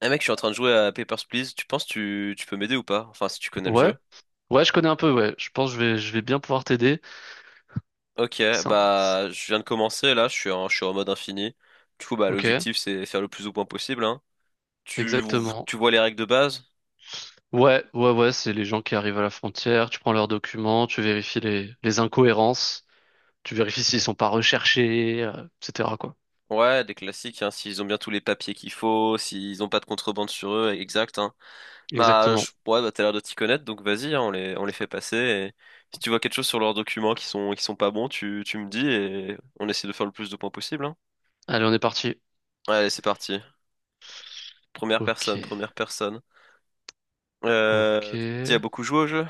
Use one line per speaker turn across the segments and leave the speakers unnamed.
Eh mec, je suis en train de jouer à Papers, Please. Tu peux m'aider ou pas? Enfin, si tu connais le
Ouais,
jeu.
ouais, je connais un peu, ouais. Je pense que je vais bien pouvoir t'aider.
Ok,
Ça-
bah je viens de commencer là, je suis en mode infini. Du coup, bah
Ok,
l'objectif c'est faire le plus de points possible, hein. Tu,
exactement.
tu vois les règles de base?
Ouais, ouais, ouais, c'est les gens qui arrivent à la frontière, tu prends leurs documents, tu vérifies les incohérences, tu vérifies s'ils sont pas recherchés, etc., quoi.
Ouais, des classiques, hein. S'ils ont bien tous les papiers qu'il faut, s'ils ont pas de contrebande sur eux, exact, hein.
Exactement.
Ouais, bah t'as l'air de t'y connaître, donc vas-y, hein, on les fait passer. Et si tu vois quelque chose sur leurs documents qui sont pas bons, tu me dis et on essaie de faire le plus de points possible, hein.
Allez, on est parti.
Allez, c'est parti.
Ok,
Première personne.
ok.
Euh, T'y as beaucoup joué au jeu?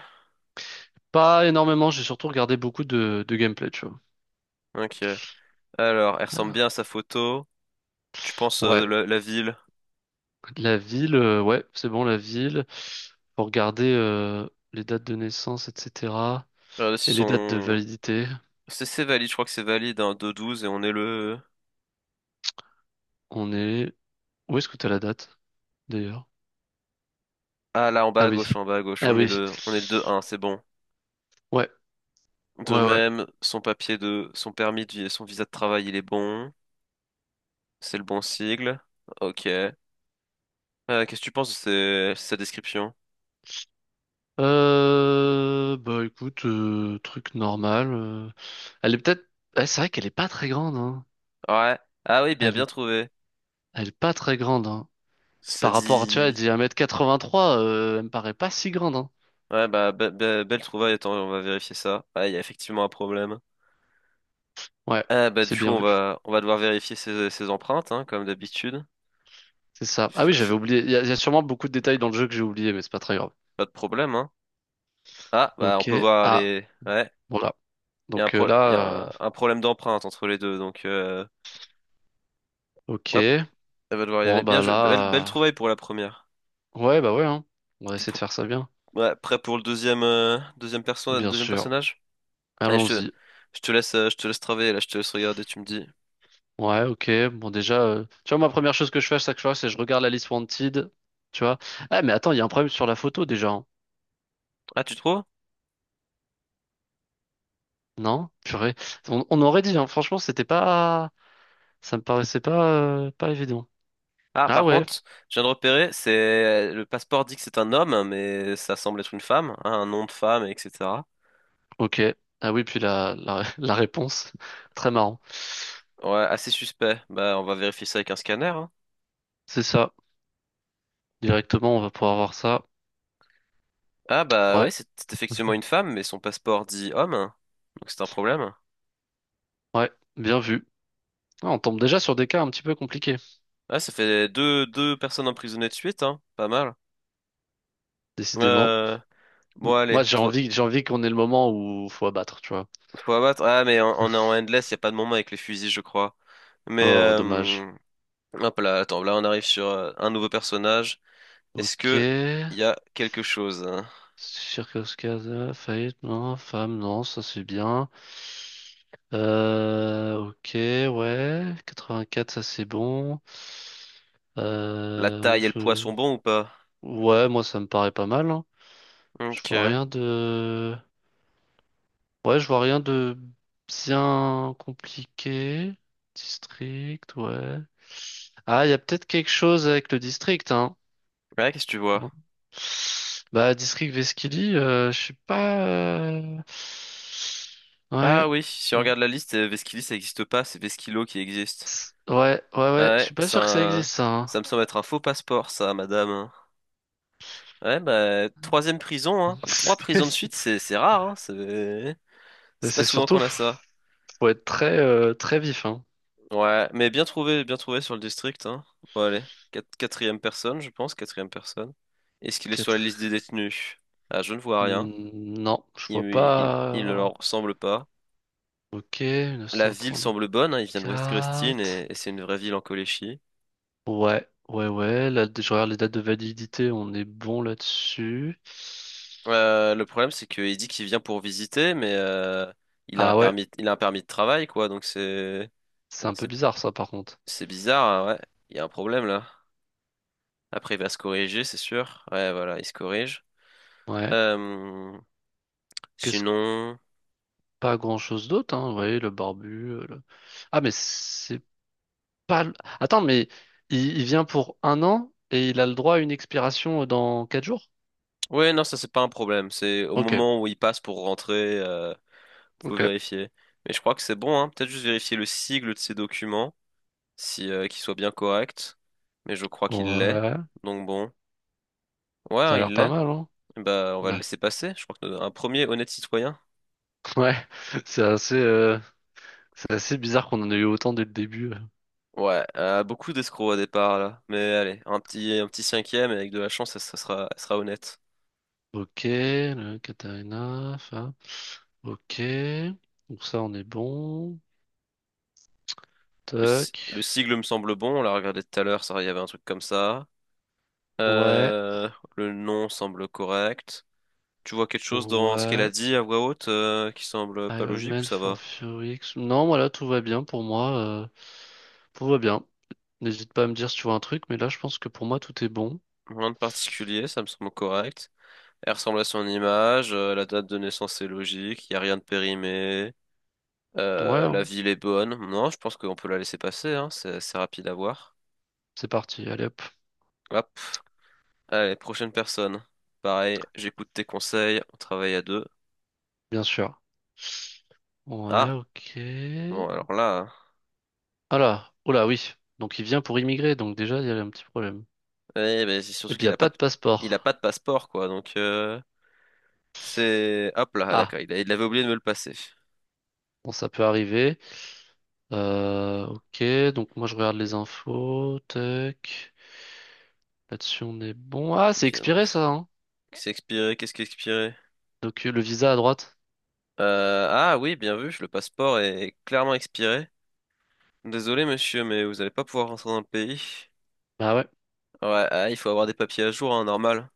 Pas énormément, j'ai surtout regardé beaucoup de gameplay, tu vois.
Ok. Alors, elle
Euh,
ressemble bien à sa photo. Tu penses
Ouais,
la ville?
la ville, ouais, c'est bon, la ville. Faut regarder les dates de naissance, etc.
Regardez si
Et les dates de
son...
validité.
C'est valide, je crois que c'est valide, hein, 2-12 et on est le...
On est... Où est-ce que t'as la date, d'ailleurs?
Ah là,
Ah oui.
en bas à gauche,
Ah oui.
on est le deux un. C'est bon.
Ouais,
De
ouais, ouais.
même, son papier de... son permis de vie, son visa de travail, il est bon. C'est le bon sigle. Ok. Qu'est-ce que tu penses de sa description?
Bah écoute, truc normal. Elle est peut-être... Ouais, c'est vrai qu'elle est pas très grande, hein.
Ouais. Ah oui, bien,
Elle
bien
est,
trouvé.
elle est pas très grande, hein. C'est
Ça
par rapport, tu vois, elle
dit...
dit 1,83 m, elle me paraît pas si grande, hein.
Ouais, bah, belle trouvaille, attends, on va vérifier ça. Ouais, il y a effectivement un problème.
Ouais, c'est
Du coup,
bien vu.
on va devoir vérifier ses empreintes, hein, comme d'habitude.
C'est ça. Ah
F-
oui,
f-
j'avais oublié. Il y a sûrement beaucoup de détails dans le jeu que j'ai oublié, mais c'est pas très grave.
Pas de problème, hein. Ah, bah, on
Ok.
peut voir
Ah,
les. Ouais,
voilà.
il y a un,
Donc
il y a
là,
un problème d'empreinte entre les deux, donc hop,
ok.
elle va devoir y aller.
Bon,
Bien
bah
joué, belle, belle
là... euh,
trouvaille pour la première.
Ouais, bah ouais, hein. On va
T'es
essayer de
pr-
faire ça bien.
ouais, prêt pour le deuxième, deuxième
Bien
deuxième
sûr.
personnage? Allez,
Allons-y.
je te laisse travailler, là, je te laisse regarder, tu me dis.
Ouais, ok. Bon, déjà, tu vois, ma première chose que je fais à chaque fois, c'est je regarde la liste Wanted. Tu vois. Ah, mais attends, il y a un problème sur la photo déjà, hein.
Ah, tu trouves?
Non? Purée. On aurait dit, hein. Franchement, c'était pas. Ça me paraissait pas, pas évident.
Ah,
Ah
par
ouais,
contre, je viens de repérer, c'est le passeport dit que c'est un homme, mais ça semble être une femme, hein, un nom de femme, etc.
ok. Ah oui, puis la réponse. Très marrant.
Ouais, assez suspect. Bah, on va vérifier ça avec un scanner, hein.
C'est ça. Directement, on va pouvoir voir ça.
Ah bah
Ouais,
ouais, c'est effectivement une femme, mais son passeport dit homme, hein. Donc c'est un problème.
ouais. Bien vu. Ah, on tombe déjà sur des cas un petit peu compliqués,
Ah, ça fait deux, deux personnes emprisonnées de suite, hein. Pas mal.
décidément.
Euh... Bon,
Moi,
allez,
j'ai
trop...
envie, j'ai envie qu'on ait le moment où faut abattre, tu vois.
faut abattre. Ah, mais on est en endless, y a pas de moment avec les fusils, je crois. Mais
Oh, dommage.
hop là, attends, là on arrive sur un nouveau personnage. Est-ce
Ok.
que y a quelque chose, hein?
Circoscasa, faillite, non. Femme, non, ça c'est bien. Ok, ouais. 84, ça c'est bon.
La
Euh,
taille et le poids
je-
sont bons ou pas?
Ouais, moi ça me paraît pas mal, hein. Je vois
Ok.
rien de... Ouais, je vois rien de bien compliqué. District, ouais. Ah, il y a peut-être quelque chose avec le district, hein.
Ouais, qu'est-ce que tu vois?
Bon. Bah, District Vesquili, je suis pas.
Ah
Ouais.
oui, si on
Mm.
regarde la liste, Vesquili ça existe pas, c'est Vesquilo qui existe.
Ouais, ouais,
Ah
ouais. Je
ouais,
suis pas sûr que ça
ça,
existe, ça, hein.
ça me semble être un faux passeport, ça, madame, hein. Ouais, bah, troisième prison, hein. Trois prisons de suite, c'est rare, hein.
C'est
C'est pas
c'est
souvent
surtout,
qu'on a ça.
faut être très, très vif, hein.
Ouais, mais bien trouvé sur le district, hein. Bon, allez, quatrième personne, je pense, quatrième personne. Est-ce qu'il est sur la
Quatre-
liste des détenus? Ah, je ne vois rien.
Hmm, non, je vois
Il ne
pas.
leur ressemble pas.
Ok,
La ville
1934.
semble bonne, hein, il vient de West Grestine et c'est une vraie ville en Coléchie.
Ouais, ouais, ouais. Là, je regarde les dates de validité, on est bon là-dessus.
Le problème, c'est qu'il dit qu'il vient pour visiter, mais
Ah ouais,
il a un permis de travail, quoi.
c'est un peu
C'est,
bizarre, ça, par contre.
c'est bizarre, hein, ouais. Il y a un problème là. Après, il va se corriger, c'est sûr. Ouais, voilà, il se corrige.
Ouais.
Euh,
Qu'est-ce
sinon,
Pas grand-chose d'autre, hein. Vous voyez, le barbu. Ah, mais c'est pas. Attends, mais il vient pour un an et il a le droit à une expiration dans 4 jours?
ouais, non, ça c'est pas un problème. C'est au
Ok,
moment où il passe pour rentrer, faut
ok.
vérifier. Mais je crois que c'est bon, hein. Peut-être juste vérifier le sigle de ses documents, si qu'il soit bien correct. Mais je crois qu'il l'est.
Ouais,
Donc bon, ouais,
ça
hein,
a l'air
il
pas
l'est.
mal, hein?
Bah, on va le
Bah,
laisser passer. Je crois que un premier honnête citoyen.
ouais, c'est assez, euh, c'est assez bizarre qu'on en ait eu autant dès le début.
Ouais, beaucoup d'escrocs au départ là. Mais allez, un petit cinquième et avec de la chance, ça sera honnête.
Ok, le Katarina, ça. Ok, donc ça, on est bon.
Le, si-
Tac.
le sigle me semble bon. On l'a regardé tout à l'heure, ça, il y avait un truc comme ça.
Ouais,
Euh, le nom semble correct. Tu vois quelque chose dans ce qu'elle a
ouais.
dit à voix haute qui semble pas
Iron
logique ou
Man
ça
for
va?
Fury X. Non, voilà, tout va bien pour moi. Tout va bien. N'hésite pas à me dire si tu vois un truc, mais là, je pense que pour moi, tout est bon.
Rien de particulier, ça me semble correct. Elle ressemble à son image, la date de naissance est logique, il n'y a rien de périmé.
Ouais,
La
hein,
ville est bonne. Non, je pense qu'on peut la laisser passer, hein. C'est rapide à voir.
c'est parti. Allez hop,
Hop. Allez, prochaine personne. Pareil, j'écoute tes conseils, on travaille à deux.
bien sûr. Ouais,
Ah,
ok.
bon, alors là, hein.
Ah là, oh là, oui. Donc, il vient pour immigrer, donc déjà, il y a un petit problème.
Eh ben, c'est
Et
surtout
puis, il n'y
qu'il
a
a pas
pas
de...
de
il a pas
passeport.
de passeport, quoi. Donc, c'est. Hop là, ah,
Ah,
d'accord, il avait oublié de me le passer.
bon, ça peut arriver. Ok, donc moi, je regarde les infos. Tac. Là-dessus, on est bon. Ah, c'est
Bien,
expiré,
bref.
ça, hein.
C'est expiré, qu'est-ce qui est expiré?
Donc, le visa à droite.
Ah oui, bien vu, le passeport est clairement expiré. Désolé, monsieur, mais vous allez pas pouvoir rentrer dans le pays.
Bah ouais.
Ouais, ah, il faut avoir des papiers à jour, hein, normal.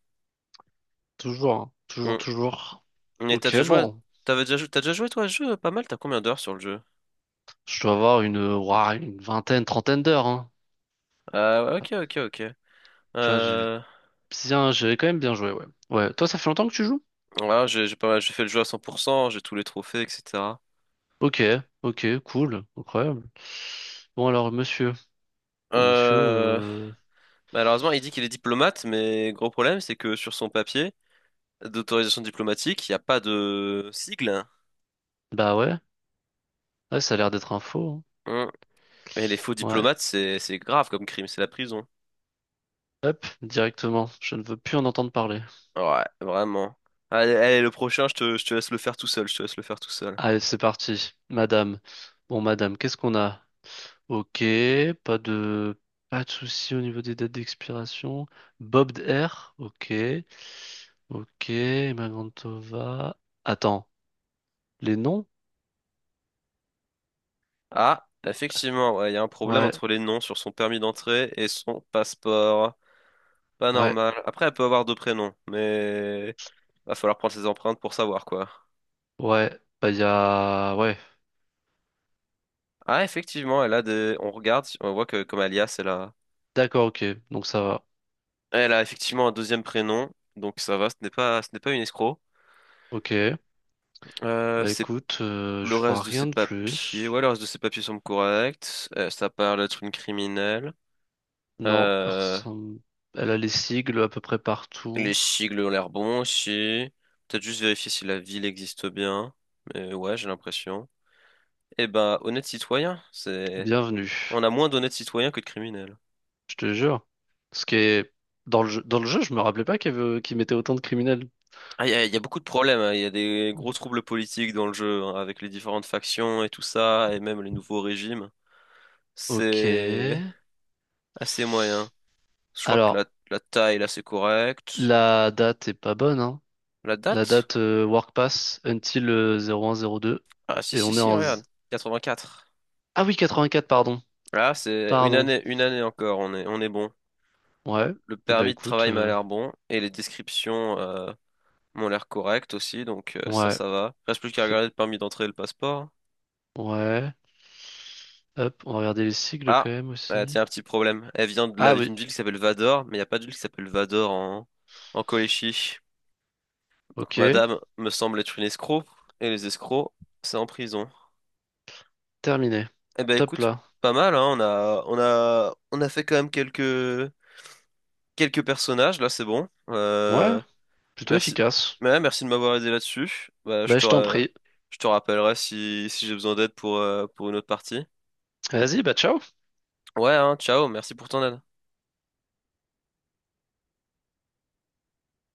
Toujours, hein. Toujours,
Hum.
toujours.
Mais t'as
Ok,
déjà joué,
bon.
t'as déjà joué toi à ce jeu pas mal, t'as combien d'heures sur le jeu?
Je dois avoir une, ouah, une vingtaine, trentaine d'heures, hein.
Ah, ok, ok, ok.
Tu vois,
Euh,
j'ai quand même bien joué, ouais. Ouais. Toi, ça fait longtemps que tu joues?
voilà, j'ai pas mal, j'ai fait le jeu à 100%, j'ai tous les trophées, etc.
Ok, ok, cool, incroyable. Bon, alors, monsieur. Bon, monsieur,
Euh, malheureusement, il dit qu'il est diplomate, mais gros problème, c'est que sur son papier d'autorisation diplomatique, il n'y a pas de sigle.
bah ouais. Ouais, ça a l'air d'être un faux,
Hum. Et les faux
hein. Ouais.
diplomates, c'est grave comme crime, c'est la prison.
Hop, directement. Je ne veux plus en entendre parler.
Ouais, vraiment. Allez, allez, le prochain, je te laisse le faire tout seul, je te laisse le faire tout seul.
Allez, c'est parti. Madame. Bon, madame, qu'est-ce qu'on a? Ok, pas de pas de souci au niveau des dates d'expiration. Bob Air, ok. Ok, Emma Grantova. Attends, les noms?
Ah, effectivement, ouais, il y a un problème
Ouais,
entre les noms sur son permis d'entrée et son passeport. Pas
ouais,
normal. Après, elle peut avoir deux prénoms, mais va falloir prendre ses empreintes pour savoir quoi.
ouais. Bah il y a ouais.
Ah, effectivement, elle a des. On regarde, on voit que comme alias, elle a.
D'accord, ok. Donc ça va.
Elle a effectivement un deuxième prénom, donc ça va. Ce n'est pas une escroc.
Ok. Bah
C'est
écoute,
le
je vois
reste de ses
rien de
papiers.
plus.
Ouais, le reste de ses papiers semble correct. Ça parle d'être une criminelle.
Non,
Euh,
elle a les sigles à peu près
Les
partout.
sigles ont l'air bons aussi. Peut-être juste vérifier si la ville existe bien. Mais ouais, j'ai l'impression. Eh ben, honnête citoyen, c'est...
Bienvenue.
On a moins d'honnêtes citoyens que de criminels.
Je te jure. Ce qui est dans le jeu, je me rappelais pas qu'il mettait autant de criminels.
Ah, y a beaucoup de problèmes, hein. Il y a des gros troubles politiques dans le jeu, hein, avec les différentes factions et tout ça, et même les nouveaux régimes.
Ok.
C'est assez moyen. Je crois que
Alors,
la taille, là, c'est correct.
la date est pas bonne, hein.
La
La
date?
date Work Pass until 0102.
Ah, si,
Et
si,
on est...
si,
en...
regarde.
z-
84.
Ah oui, 84, pardon.
Là, c'est
Pardon.
une année encore, on est bon.
Ouais.
Le
Et ben
permis de
écoute,
travail m'a l'air bon et les descriptions m'ont l'air correctes aussi, donc
ouais.
ça va. Reste plus qu'à
Fais-
regarder le permis d'entrée et le passeport.
Ouais. Hop, on va regarder les sigles quand
Ah,
même aussi.
tiens, un petit problème. Elle vient de
Ah oui,
d'une ville qui s'appelle Vador, mais il n'y a pas de ville qui s'appelle Vador en, en Colchie. Donc
ok.
madame me semble être une escroc et les escrocs, c'est en prison.
Terminé.
Eh ben
Top
écoute,
là.
pas mal, hein, on a fait quand même quelques personnages, là c'est bon.
Ouais, plutôt
Merci.
efficace.
Ouais, merci de m'avoir aidé là-dessus. Bah,
Bah je t'en prie.
je te rappellerai si j'ai besoin d'aide pour une autre partie.
Vas-y, bah ciao.
Ouais, hein, ciao, merci pour ton aide.